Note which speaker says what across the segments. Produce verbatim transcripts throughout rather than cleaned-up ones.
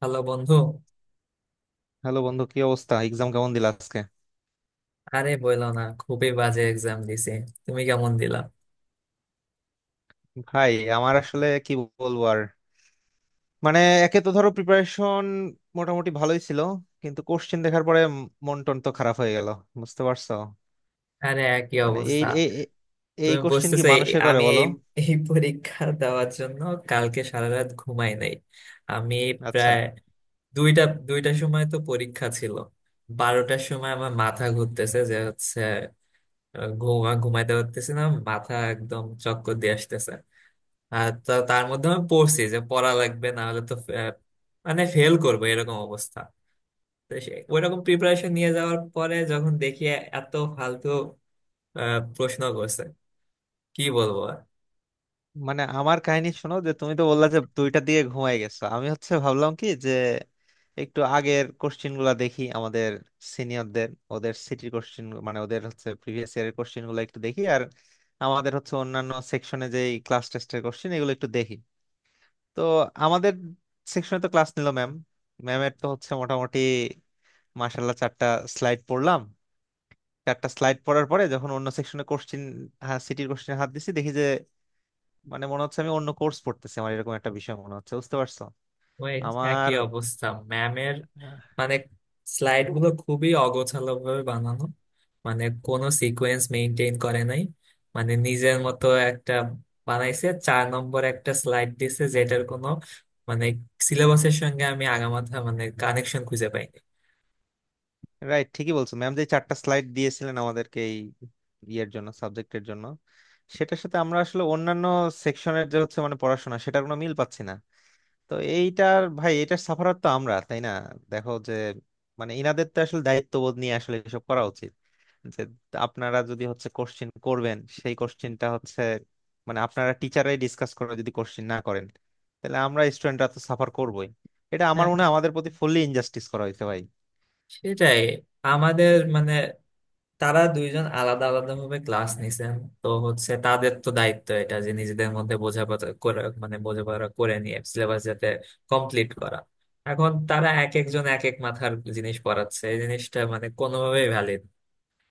Speaker 1: Hello বন্ধু।
Speaker 2: Hello বন্ধু, কি অবস্থা? এক্সাম কেমন দিল আজকে?
Speaker 1: আরে বলো না, খুবই বাজে এক্সাম দিছি। তুমি কেমন দিলা?
Speaker 2: ভাই, আমার আসলে কি বলবো আর, মানে একে তো ধরো প্রিপারেশন মোটামুটি ভালোই ছিল, কিন্তু কোশ্চেন দেখার পরে মন টন তো খারাপ হয়ে গেল, বুঝতে পারছো?
Speaker 1: আরে একই
Speaker 2: মানে এই
Speaker 1: অবস্থা।
Speaker 2: এই এই
Speaker 1: তুমি
Speaker 2: কোশ্চেন কি
Speaker 1: বুঝতেছো এই-
Speaker 2: মানুষে করে
Speaker 1: আমি
Speaker 2: বলো?
Speaker 1: এই এই পরীক্ষা দেওয়ার জন্য কালকে সারা রাত ঘুমাই নাই আমি।
Speaker 2: আচ্ছা,
Speaker 1: প্রায় দুইটা দুইটার সময় তো পরীক্ষা ছিল। বারোটার সময় আমার মাথা ঘুরতেছে, যে হচ্ছে আহ, ঘুমা ঘুমাইতে পারতেছি না, মাথা একদম চক্কর দিয়ে আসতেছে। আর তা- তার মধ্যে আমি পড়ছি যে পড়া লাগবে, না হলে তো আহ, মানে ফেল করবো এরকম অবস্থা। তো সে ওইরকম প্রিপারেশন নিয়ে যাওয়ার পরে যখন দেখি এ- এত ফালতু আহ, প্রশ্ন করছে, কি বলবো আর?
Speaker 2: মানে আমার কাহিনী শোনো, যে তুমি তো বললা যে দুইটা দিয়ে ঘুমাই গেছো, আমি হচ্ছে ভাবলাম কি, যে একটু আগের কোশ্চিন গুলা দেখি, আমাদের সিনিয়রদের ওদের সিটির কোশ্চিন, মানে ওদের হচ্ছে প্রিভিয়াস ইয়ারের কোশ্চিন গুলো একটু দেখি, আর আমাদের হচ্ছে অন্যান্য সেকশনে যে ক্লাস টেস্টের কোশ্চিন, এগুলো একটু দেখি। তো আমাদের সেকশনে তো ক্লাস নিল ম্যাম, ম্যামের তো হচ্ছে মোটামুটি মাসাল্লাহ চারটা স্লাইড পড়লাম। চারটা স্লাইড পড়ার পরে যখন অন্য সেকশনে কোশ্চিন, সিটির কোশ্চিনে হাত দিছি, দেখি মানে মনে হচ্ছে আমি অন্য কোর্স পড়তেছি, আমার এরকম একটা বিষয় মনে হচ্ছে, বুঝতে পারছো
Speaker 1: ওই
Speaker 2: আমার
Speaker 1: একই অবস্থা। ম্যামের মানে স্লাইড গুলো খুবই অগোছালো ভাবে বানানো, মানে কোনো সিকোয়েন্স মেনটেন করে নাই, মানে নিজের মতো একটা বানাইছে। চার নম্বর একটা স্লাইড দিছে যেটার কোনো মানে সিলেবাসের সঙ্গে আমি আগামাথা মানে কানেকশন খুঁজে পাইনি।
Speaker 2: রাইট, ঠিকই বলছো। ম্যাম যে চারটা স্লাইড দিয়েছিলেন আমাদেরকে এই ইয়ের জন্য, সাবজেক্টের জন্য, সেটার সাথে আমরা আসলে অন্যান্য সেকশনের যে হচ্ছে মানে পড়াশোনা, সেটার কোনো মিল পাচ্ছি না। তো এইটার ভাই, এটার সাফারার তো আমরা, তাই না? দেখো যে, মানে ইনাদের তো আসলে দায়িত্ববোধ নিয়ে আসলে এসব করা উচিত। যে আপনারা যদি হচ্ছে কোশ্চিন করবেন, সেই কোশ্চিনটা হচ্ছে মানে আপনারা টিচারাই ডিসকাস করে যদি কোশ্চিন না করেন, তাহলে আমরা স্টুডেন্টরা তো সাফার করবোই। এটা আমার
Speaker 1: হ্যাঁ,
Speaker 2: মনে হয় আমাদের প্রতি ফুললি ইনজাস্টিস করা হয়েছে ভাই।
Speaker 1: সেটাই। আমাদের মানে তারা দুইজন আলাদা আলাদা ভাবে ক্লাস নিছেন। তো হচ্ছে তাদের তো দায়িত্ব এটা যে নিজেদের মধ্যে বোঝাপড়া করে, মানে বোঝাপড়া করে নিয়ে সিলেবাস যাতে কমপ্লিট করা। এখন তারা এক একজন এক এক মাথার জিনিস পড়াচ্ছে, এই জিনিসটা মানে কোনোভাবেই ভ্যালিড।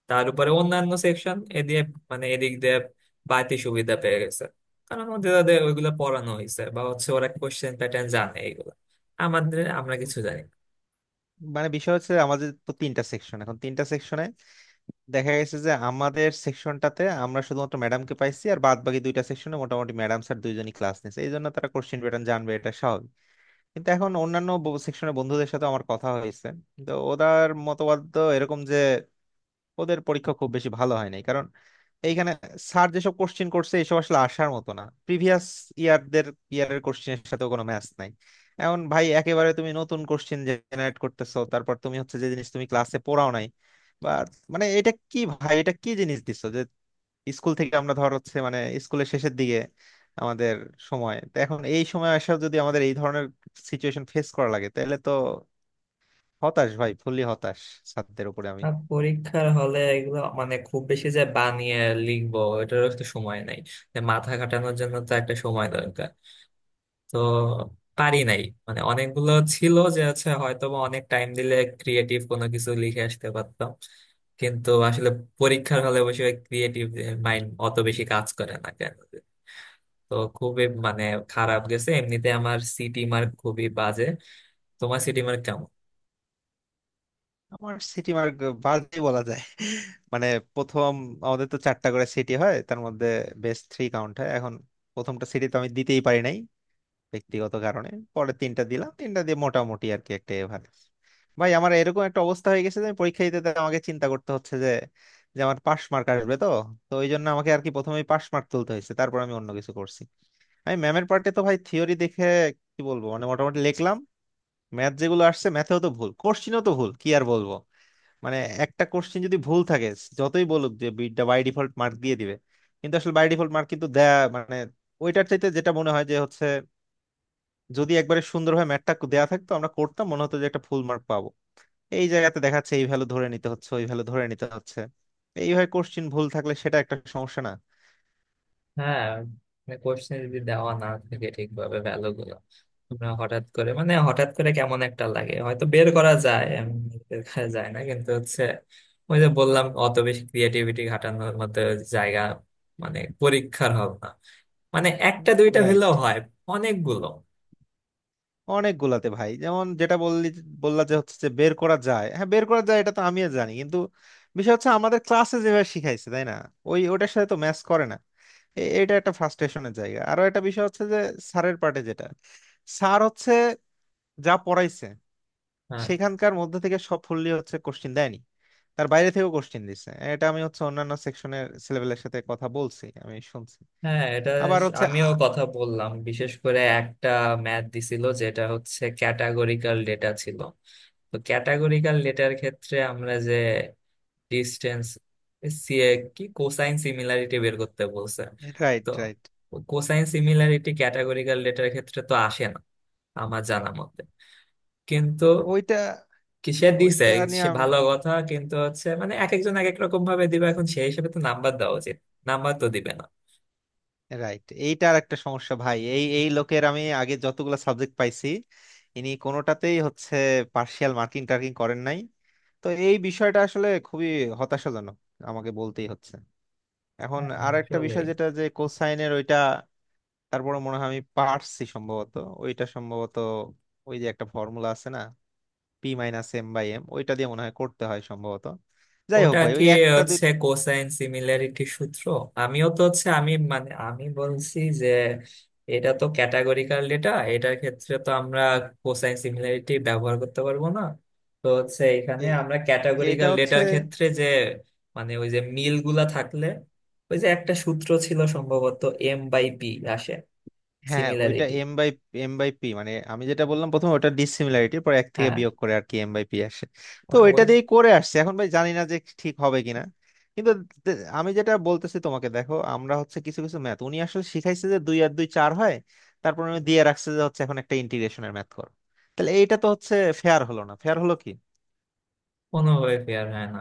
Speaker 1: তার উপরে অন্যান্য সেকশন এদিকে মানে এদিক দিয়ে বাড়তি সুবিধা পেয়ে গেছে, কারণ ওদের ওদের ওইগুলো পড়ানো হয়েছে, বা হচ্ছে ওরা কোশ্চেন প্যাটার্ন জানে এইগুলো। আমাদের আমরা
Speaker 2: উম,
Speaker 1: কিছু জানি না।
Speaker 2: মানে বিষয় হচ্ছে আমাদের তো তিনটা সেকশন, এখন তিনটা সেকশনে দেখা গেছে যে আমাদের সেকশনটাতে আমরা শুধুমাত্র ম্যাডামকে পাইছি, আর বাদ বাকি দুইটা সেকশনে মোটামুটি ম্যাডাম স্যার দুইজনই ক্লাস নিয়েছে। এই জন্য তারা কোশ্চিন প্যাটার্ন জানবে, এটা স্বাভাবিক। কিন্তু এখন অন্যান্য সেকশনের বন্ধুদের সাথে আমার কথা হয়েছে, তো ওদের মতবাদ তো এরকম যে ওদের পরীক্ষা খুব বেশি ভালো হয় নাই, কারণ এইখানে স্যার যেসব কোশ্চেন করছে এসব আসলে আসার মতো না, প্রিভিয়াস ইয়ারদের ইয়ারের কোশ্চেনের সাথে কোনো ম্যাচ নাই। এখন ভাই একেবারে তুমি নতুন কোশ্চেন জেনারেট করতেছো, তারপর তুমি হচ্ছে যে জিনিস তুমি ক্লাসে পড়াও নাই, বা মানে এটা কি ভাই, এটা কি জিনিস দিছো যে স্কুল থেকে আমরা ধর হচ্ছে মানে স্কুলের শেষের দিকে আমাদের সময় তো, এখন এই সময় আসা যদি আমাদের এই ধরনের সিচুয়েশন ফেস করা লাগে, তাহলে তো হতাশ ভাই, ফুললি হতাশ ছাত্রদের উপরে আমি।
Speaker 1: আর পরীক্ষার হলে এগুলো মানে খুব বেশি যে বানিয়ে লিখবো, এটারও তো সময় নাই। যে মাথা খাটানোর জন্য তো একটা সময় দরকার, তো পারি নাই। মানে অনেকগুলো ছিল যে আছে হয়তো বা অনেক টাইম দিলে ক্রিয়েটিভ কোনো কিছু লিখে আসতে পারতাম, কিন্তু আসলে পরীক্ষার হলে বসে ক্রিয়েটিভ মাইন্ড অত বেশি কাজ করে না কেন জানি। তো খুবই মানে খারাপ গেছে। এমনিতে আমার সিটি মার্ক খুবই বাজে। তোমার সিটি মার্ক কেমন?
Speaker 2: আমার সিটি মার্ক বাজে বলা যায়। মানে প্রথম, আমাদের তো চারটা করে সিটি হয়, তার মধ্যে বেস্ট থ্রি কাউন্ট হয়। এখন প্রথমটা সিটি তো আমি দিতেই পারি নাই ব্যক্তিগত কারণে, পরে তিনটা দিলাম, তিনটা দিয়ে মোটামুটি আর কি একটা এভারেজ। ভাই আমার এরকম একটা অবস্থা হয়ে গেছে যে আমি পরীক্ষা দিতে যেতে আমাকে চিন্তা করতে হচ্ছে যে, যে আমার পাশ মার্ক আসবে তো, তো ওই জন্য আমাকে আর কি প্রথমেই পাশ মার্ক তুলতে হয়েছে, তারপর আমি অন্য কিছু করছি। আমি ম্যামের পার্টে তো ভাই, থিওরি দেখে কি বলবো, মানে মোটামুটি লিখলাম। ম্যাথ যেগুলো আসছে, ম্যাথেও তো ভুল, কোশ্চিনও তো ভুল, কি আর বলবো। মানে একটা কোশ্চেন যদি ভুল থাকে, যতই বলুক যে বিটটা বাই ডিফল্ট মার্ক দিয়ে দিবে, কিন্তু আসলে বাই ডিফল্ট মার্ক কিন্তু দেয়া মানে, ওইটার চাইতে যেটা মনে হয় যে হচ্ছে যদি একবারে সুন্দরভাবে ম্যাথটা দেয়া থাকতো, আমরা করতাম, মনে হতো যে একটা ফুল মার্ক পাবো। এই জায়গাতে দেখাচ্ছে এই ভ্যালু ধরে নিতে হচ্ছে, ওই ভ্যালু ধরে নিতে হচ্ছে, এইভাবে কোশ্চেন ভুল থাকলে সেটা একটা সমস্যা না?
Speaker 1: হ্যাঁ, কোশ্চেন যদি দেওয়া না থাকে ঠিকভাবে ভ্যালু গুলো, তোমরা হঠাৎ করে মানে হঠাৎ করে কেমন একটা লাগে, হয়তো বের করা যায়, এমনি বের করা যায় না, কিন্তু হচ্ছে ওই যে বললাম অত বেশি ক্রিয়েটিভিটি ঘাটানোর মতো জায়গা মানে পরীক্ষার হবে না, মানে একটা দুইটা
Speaker 2: রাইট।
Speaker 1: হলেও হয়, অনেকগুলো।
Speaker 2: অনেকগুলাতে ভাই, যেমন যেটা বললি, বললা যে হচ্ছে যে বের করা যায়, হ্যাঁ বের করা যায়, এটা তো আমিও জানি, কিন্তু বিষয় হচ্ছে আমাদের ক্লাসে যেভাবে শিখাইছে, তাই না, ওই ওটার সাথে তো ম্যাচ করে না। এ- এটা একটা ফ্রাস্ট্রেশনের জায়গা। আরো একটা বিষয় হচ্ছে যে স্যারের পার্টে, যেটা স্যার হচ্ছে যা পড়াইছে,
Speaker 1: হ্যাঁ,
Speaker 2: সেখানকার মধ্যে থেকে সব ফুললি হচ্ছে কোশ্চিন দেয়নি, তার বাইরে থেকেও কোশ্চিন দিছে। এটা আমি হচ্ছে অন্যান্য সেকশনের ছেলেপেলের সাথে কথা বলছি, আমি শুনছি।
Speaker 1: হ্যাঁ, এটা
Speaker 2: আবার
Speaker 1: স-
Speaker 2: হচ্ছে
Speaker 1: আমিও কথা বললাম। বিশেষ করে একটা ম্যাথ দিছিল যেটা হচ্ছে ক্যাটাগরিক্যাল ডেটা ছিল। তো ক্যাটাগরিক্যাল ডেটার ক্ষেত্রে আমরা যে ডিস্টেন্স কি কোসাইন সিমিলারিটি বের করতে বলছে।
Speaker 2: রাইট,
Speaker 1: তো
Speaker 2: রাইট।
Speaker 1: কোসাইন সিমিলারিটি ক্যাটাগরিক্যাল ডেটার ক্ষেত্রে তো আসে না আমার জানা মতে, কিন্তু
Speaker 2: ওইটা,
Speaker 1: কি সে দিছে।
Speaker 2: ওইটা নিয়ে
Speaker 1: সে
Speaker 2: আম-
Speaker 1: ভালো কথা, কিন্তু হচ্ছে মানে এক একজন এক এক রকম ভাবে দিবে, এখন সেই হিসেবে তো নাম্বার দেওয়া উচিত। নাম্বার তো দিবে না।
Speaker 2: রাইট। এইটার একটা সমস্যা ভাই, এই এই লোকের আমি আগে যতগুলো সাবজেক্ট পাইছি, ইনি কোনোটাতেই হচ্ছে পার্শিয়াল মার্কিং টার্কিং করেন নাই। তো এই বিষয়টা আসলে খুবই হতাশাজনক, আমাকে বলতেই হচ্ছে। এখন
Speaker 1: হ্যাঁ,
Speaker 2: আর একটা
Speaker 1: আসলেই।
Speaker 2: বিষয় যেটা, যে কোসাইনের ওইটা, তারপরে মনে হয় আমি পারছি সম্ভবত। ওইটা সম্ভবত ওই যে একটা ফর্মুলা আছে না, P minus M by M, ওইটা দিয়ে মনে হয় করতে হয় সম্ভবত। যাই হোক
Speaker 1: ওটা
Speaker 2: ভাই,
Speaker 1: কি
Speaker 2: ওই একটা দুই,
Speaker 1: হচ্ছে কোসাইন সিমিলারিটি সূত্র? আমিও তো হচ্ছে আমি মানে আমি বলছি যে এটা তো ক্যাটাগরিকাল ডেটা, এটার ক্ষেত্রে তো আমরা কোসাইন সিমিলারিটি ব্যবহার করতে পারবো না। তো হচ্ছে এখানে
Speaker 2: এ-
Speaker 1: আমরা
Speaker 2: এটা
Speaker 1: ক্যাটাগরিকাল
Speaker 2: হচ্ছে,
Speaker 1: ডেটার ক্ষেত্রে যে মানে ওই যে মিলগুলা থাকলে, ওই যে একটা সূত্র ছিল সম্ভবত, এম বাই পি আসে,
Speaker 2: হ্যাঁ ওইটা
Speaker 1: similarity.
Speaker 2: M by M by P, মানে আমি যেটা বললাম প্রথমে ওটা ডিসিমিলারিটি, পর এক থেকে
Speaker 1: হ্যাঁ,
Speaker 2: বিয়োগ করে আর কি এম বাই পি আসে। তো
Speaker 1: মানে
Speaker 2: ওইটা
Speaker 1: ওই
Speaker 2: দিয়েই করে আসছে, এখন ভাই জানি না যে ঠিক হবে কিনা, কিন্তু দে- আমি যেটা বলতেছি তোমাকে, দেখো আমরা হচ্ছে কিছু কিছু ম্যাথ উনি আসলে শিখাইছে যে দুই আর দুই চার হয়, তারপর উনি দিয়ে রাখছে যে হচ্ছে এখন একটা ইন্টিগ্রেশনের ম্যাথ করো, তাহলে এইটা তো হচ্ছে ফেয়ার হলো না, ফেয়ার হলো কি?
Speaker 1: কোনোভাবে ফেয়ার হয় না।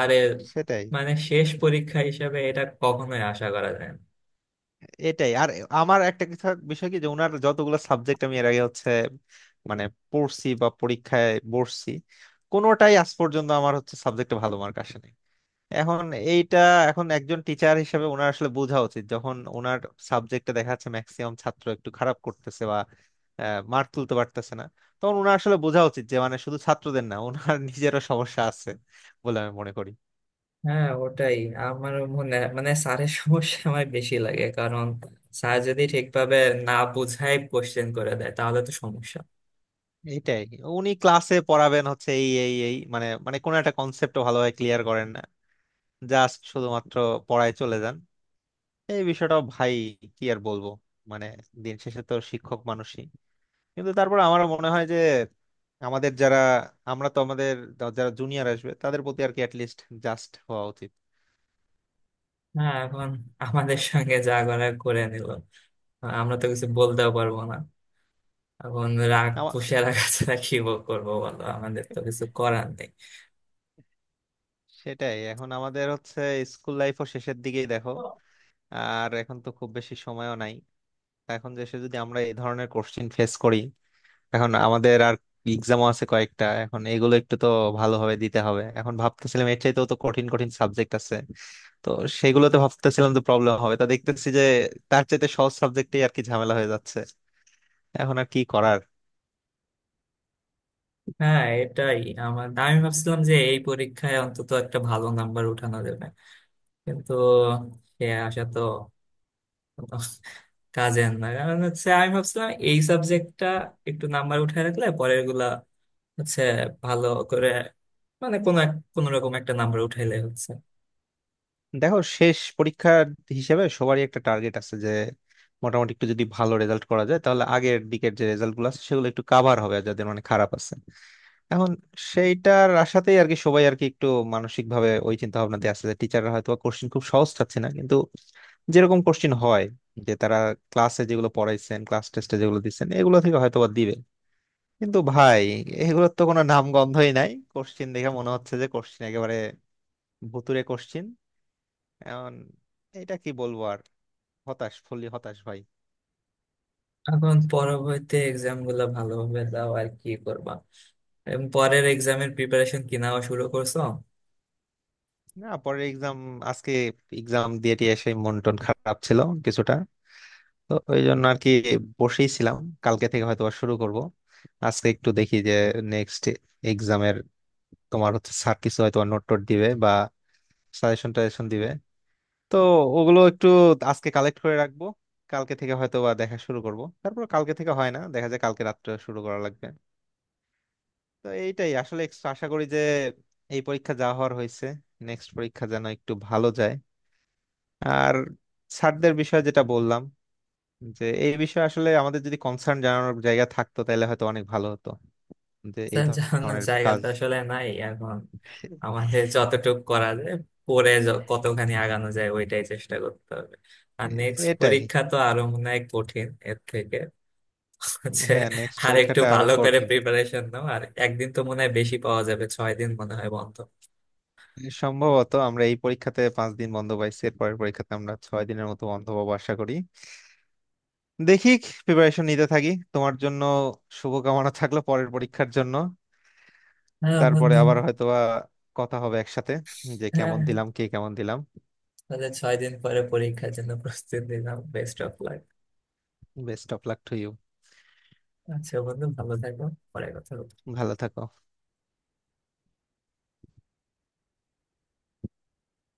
Speaker 1: আরে
Speaker 2: সেটাই।
Speaker 1: মানে শেষ পরীক্ষা হিসেবে এটা কখনোই আশা করা যায় না।
Speaker 2: এটাই আর আমার একটা কিছু বিষয় কি যে, ওনার যতগুলো সাবজেক্ট আমি এর আগে হচ্ছে মানে পড়ছি বা পরীক্ষায় বসছি, কোনোটাই আজ পর্যন্ত আমার হচ্ছে সাবজেক্টে ভালো মার্ক আসেনি এখন। এইটা এখন একজন টিচার হিসেবে ওনার আসলে বোঝা উচিত যখন ওনার সাবজেক্টে দেখা যাচ্ছে ম্যাক্সিমাম ছাত্র একটু খারাপ করতেছে, বা মার্ক তুলতে পারতেছে না, তখন ওনার আসলে বোঝা উচিত যে মানে শুধু ছাত্রদের না, ওনার নিজেরও সমস্যা আছে বলে আমি মনে করি।
Speaker 1: হ্যাঁ, ওটাই। আমার মনে মানে স্যারের সমস্যা আমার বেশি লাগে, কারণ স্যার যদি ঠিকভাবে না বুঝাই কোশ্চেন করে দেয় তাহলে তো সমস্যা।
Speaker 2: এইটাই, উনি ক্লাসে পড়াবেন হচ্ছে এই এই এই মানে মানে কোনো একটা কনসেপ্ট ভালোভাবে ক্লিয়ার করেন না, জাস্ট শুধুমাত্র পড়ায় চলে যান। এই বিষয়টা ভাই, কি আর বলবো, মানে দিন শেষে তো শিক্ষক মানুষই, কিন্তু তারপর আমার মনে হয় যে আমাদের যারা আমরা তো আমাদের যা- যারা জুনিয়র আসবে, তাদের প্রতি আর কি অ্যাটলিস্ট জাস্ট হওয়া উচিত।
Speaker 1: হ্যাঁ এখন আমাদের সঙ্গে যা করার করে নিল, আমরা তো কিছু বলতেও পারবো না। এখন রাগ
Speaker 2: আমা-
Speaker 1: পুষে রাখা ছাড়া কি বল- করবো বলো, আমাদের তো কিছু করার নেই।
Speaker 2: সেটাই, এখন আমাদের হচ্ছে স্কুল লাইফও শেষের দিকেই দেখো, আর এখন তো খুব বেশি সময়ও নাই। তা এখন দেশে যদি আমরা এই ধরনের কোশ্চিন ফেস করি, এখন আমাদের আর এক্সামও আছে কয়েকটা, এখন এগুলো একটু তো ভালোভাবে দিতে হবে। এখন ভাবতেছিলাম এর চাইতেও তো কঠিন কঠিন সাবজেক্ট আছে, তো সেগুলোতে ভাবতেছিলাম তো প্রবলেম হবে, তা দেখতেছি যে তার চাইতে সহজ সাবজেক্টেই আর কি ঝামেলা হয়ে যাচ্ছে, এখন আর কি করার।
Speaker 1: হ্যাঁ, এটাই। আমার আমি ভাবছিলাম যে এই পরীক্ষায় অন্তত একটা ভালো নাম্বার উঠানো যাবে, কিন্তু সে আশা তো কাজের না, কারণ হচ্ছে আমি ভাবছিলাম এই সাবজেক্টটা একটু নাম্বার উঠায় রাখলে পরের গুলা হচ্ছে ভালো করে মানে কোনো এক কোনো রকম একটা নাম্বার উঠাইলে হচ্ছে।
Speaker 2: দেখো শেষ পরীক্ষার হিসেবে সবারই একটা টার্গেট আছে যে মোটামুটি একটু যদি ভালো রেজাল্ট করা যায়, তাহলে আগের দিকের যে রেজাল্ট গুলো আছে সেগুলো একটু কাভার হবে, আর যাদের মানে খারাপ আছে এখন, সেইটার আশাতেই আর কি সবাই আর কি একটু মানসিক ভাবে ওই চিন্তা ভাবনা দিয়ে আসছে যে টিচাররা হয়তো কোশ্চিন খুব সহজ চাচ্ছে না, কিন্তু যেরকম কোশ্চিন হয়, যে তারা ক্লাসে যেগুলো পড়াইছেন, ক্লাস টেস্টে যেগুলো দিচ্ছেন, এগুলো থেকে হয়তো বা দিবে। কিন্তু ভাই, এগুলোর তো কোনো নাম গন্ধই নাই, কোশ্চিন দেখে মনে হচ্ছে যে কোশ্চিন একেবারে ভুতুড়ে কোশ্চিন। এখন এটা কি বলবো আর, হতাশ, ফুললি হতাশ ভাই।
Speaker 1: এখন পরবর্তী এক্সাম গুলা ভালোভাবে দাও, আর কি করবা। এবং পরের এক্সামের প্রিপারেশন কি নেওয়া শুরু করছো?
Speaker 2: না, পরের এক্সাম, আজকে এক্সাম দিয়ে টিয়ে সেই মন টন খারাপ ছিল কিছুটা, তো ওই জন্য আর কি বসেই ছিলাম। কালকে থেকে হয়তো আবার শুরু করব। আজকে একটু দেখি যে নেক্সট এক্সামের, তোমার হচ্ছে স্যার কিছু হয়তো নোট টোট দিবে বা সাজেশন টাজেশন দিবে, তো ওগুলো একটু আজকে কালেক্ট করে রাখবো, কালকে থেকে হয়তো বা দেখা শুরু করব। তারপর কালকে থেকে হয় না দেখা যায়, কালকে রাত্রে শুরু করা লাগবে। তো এইটাই আসলে, একটু আশা করি যে এই পরীক্ষা যা হওয়ার হয়েছে, নেক্সট পরীক্ষা যেন একটু ভালো যায়। আর স্যারদের বিষয়ে যেটা বললাম, যে এই বিষয়ে আসলে আমাদের যদি কনসার্ন জানানোর জায়গা থাকতো, তাহলে হয়তো অনেক ভালো হতো, যে এই
Speaker 1: স্যার জানানোর
Speaker 2: ধরনের
Speaker 1: জায়গা
Speaker 2: কাজ
Speaker 1: তো আসলে নাই এখন।
Speaker 2: এ-
Speaker 1: আমাদের যতটুকু করা যায়, পরে য- কতখানি আগানো যায় ওইটাই চেষ্টা করতে হবে। আর নেক্সট
Speaker 2: এটাই।
Speaker 1: পরীক্ষা তো আরো মনে হয় কঠিন এর থেকে হচ্ছে।
Speaker 2: হ্যাঁ নেক্সট
Speaker 1: আর একটু
Speaker 2: পরীক্ষাটা আরো
Speaker 1: ভালো করে
Speaker 2: কঠিন।
Speaker 1: প্রিপারেশন নাও, আর একদিন তো মনে হয় বেশি পাওয়া যাবে, ছয় দিন মনে হয় বন্ধ।
Speaker 2: সম্ভবত আমরা এই পরীক্ষাতে পাঁচ দিন বন্ধ পাইছি, এর পরের পরীক্ষাতে আমরা ছয় দিনের মতো বন্ধ পাবো আশা করি। দেখি, প্রিপারেশন নিতে থাকি। তোমার জন্য শুভকামনা থাকলো পরের পরীক্ষার জন্য।
Speaker 1: হ্যাঁ
Speaker 2: তারপরে
Speaker 1: বন্ধু।
Speaker 2: আবার হয়তোবা কথা হবে একসাথে, যে
Speaker 1: হ্যাঁ,
Speaker 2: কেমন দিলাম, কে কেমন দিলাম।
Speaker 1: তাহলে ছয় দিন পরে পরীক্ষার জন্য প্রস্তুতি নিলাম, best of luck.
Speaker 2: Best of luck to you.
Speaker 1: আচ্ছা বন্ধু, ভালো থাকো, পরে কথা হবে।
Speaker 2: ভালো থাকো।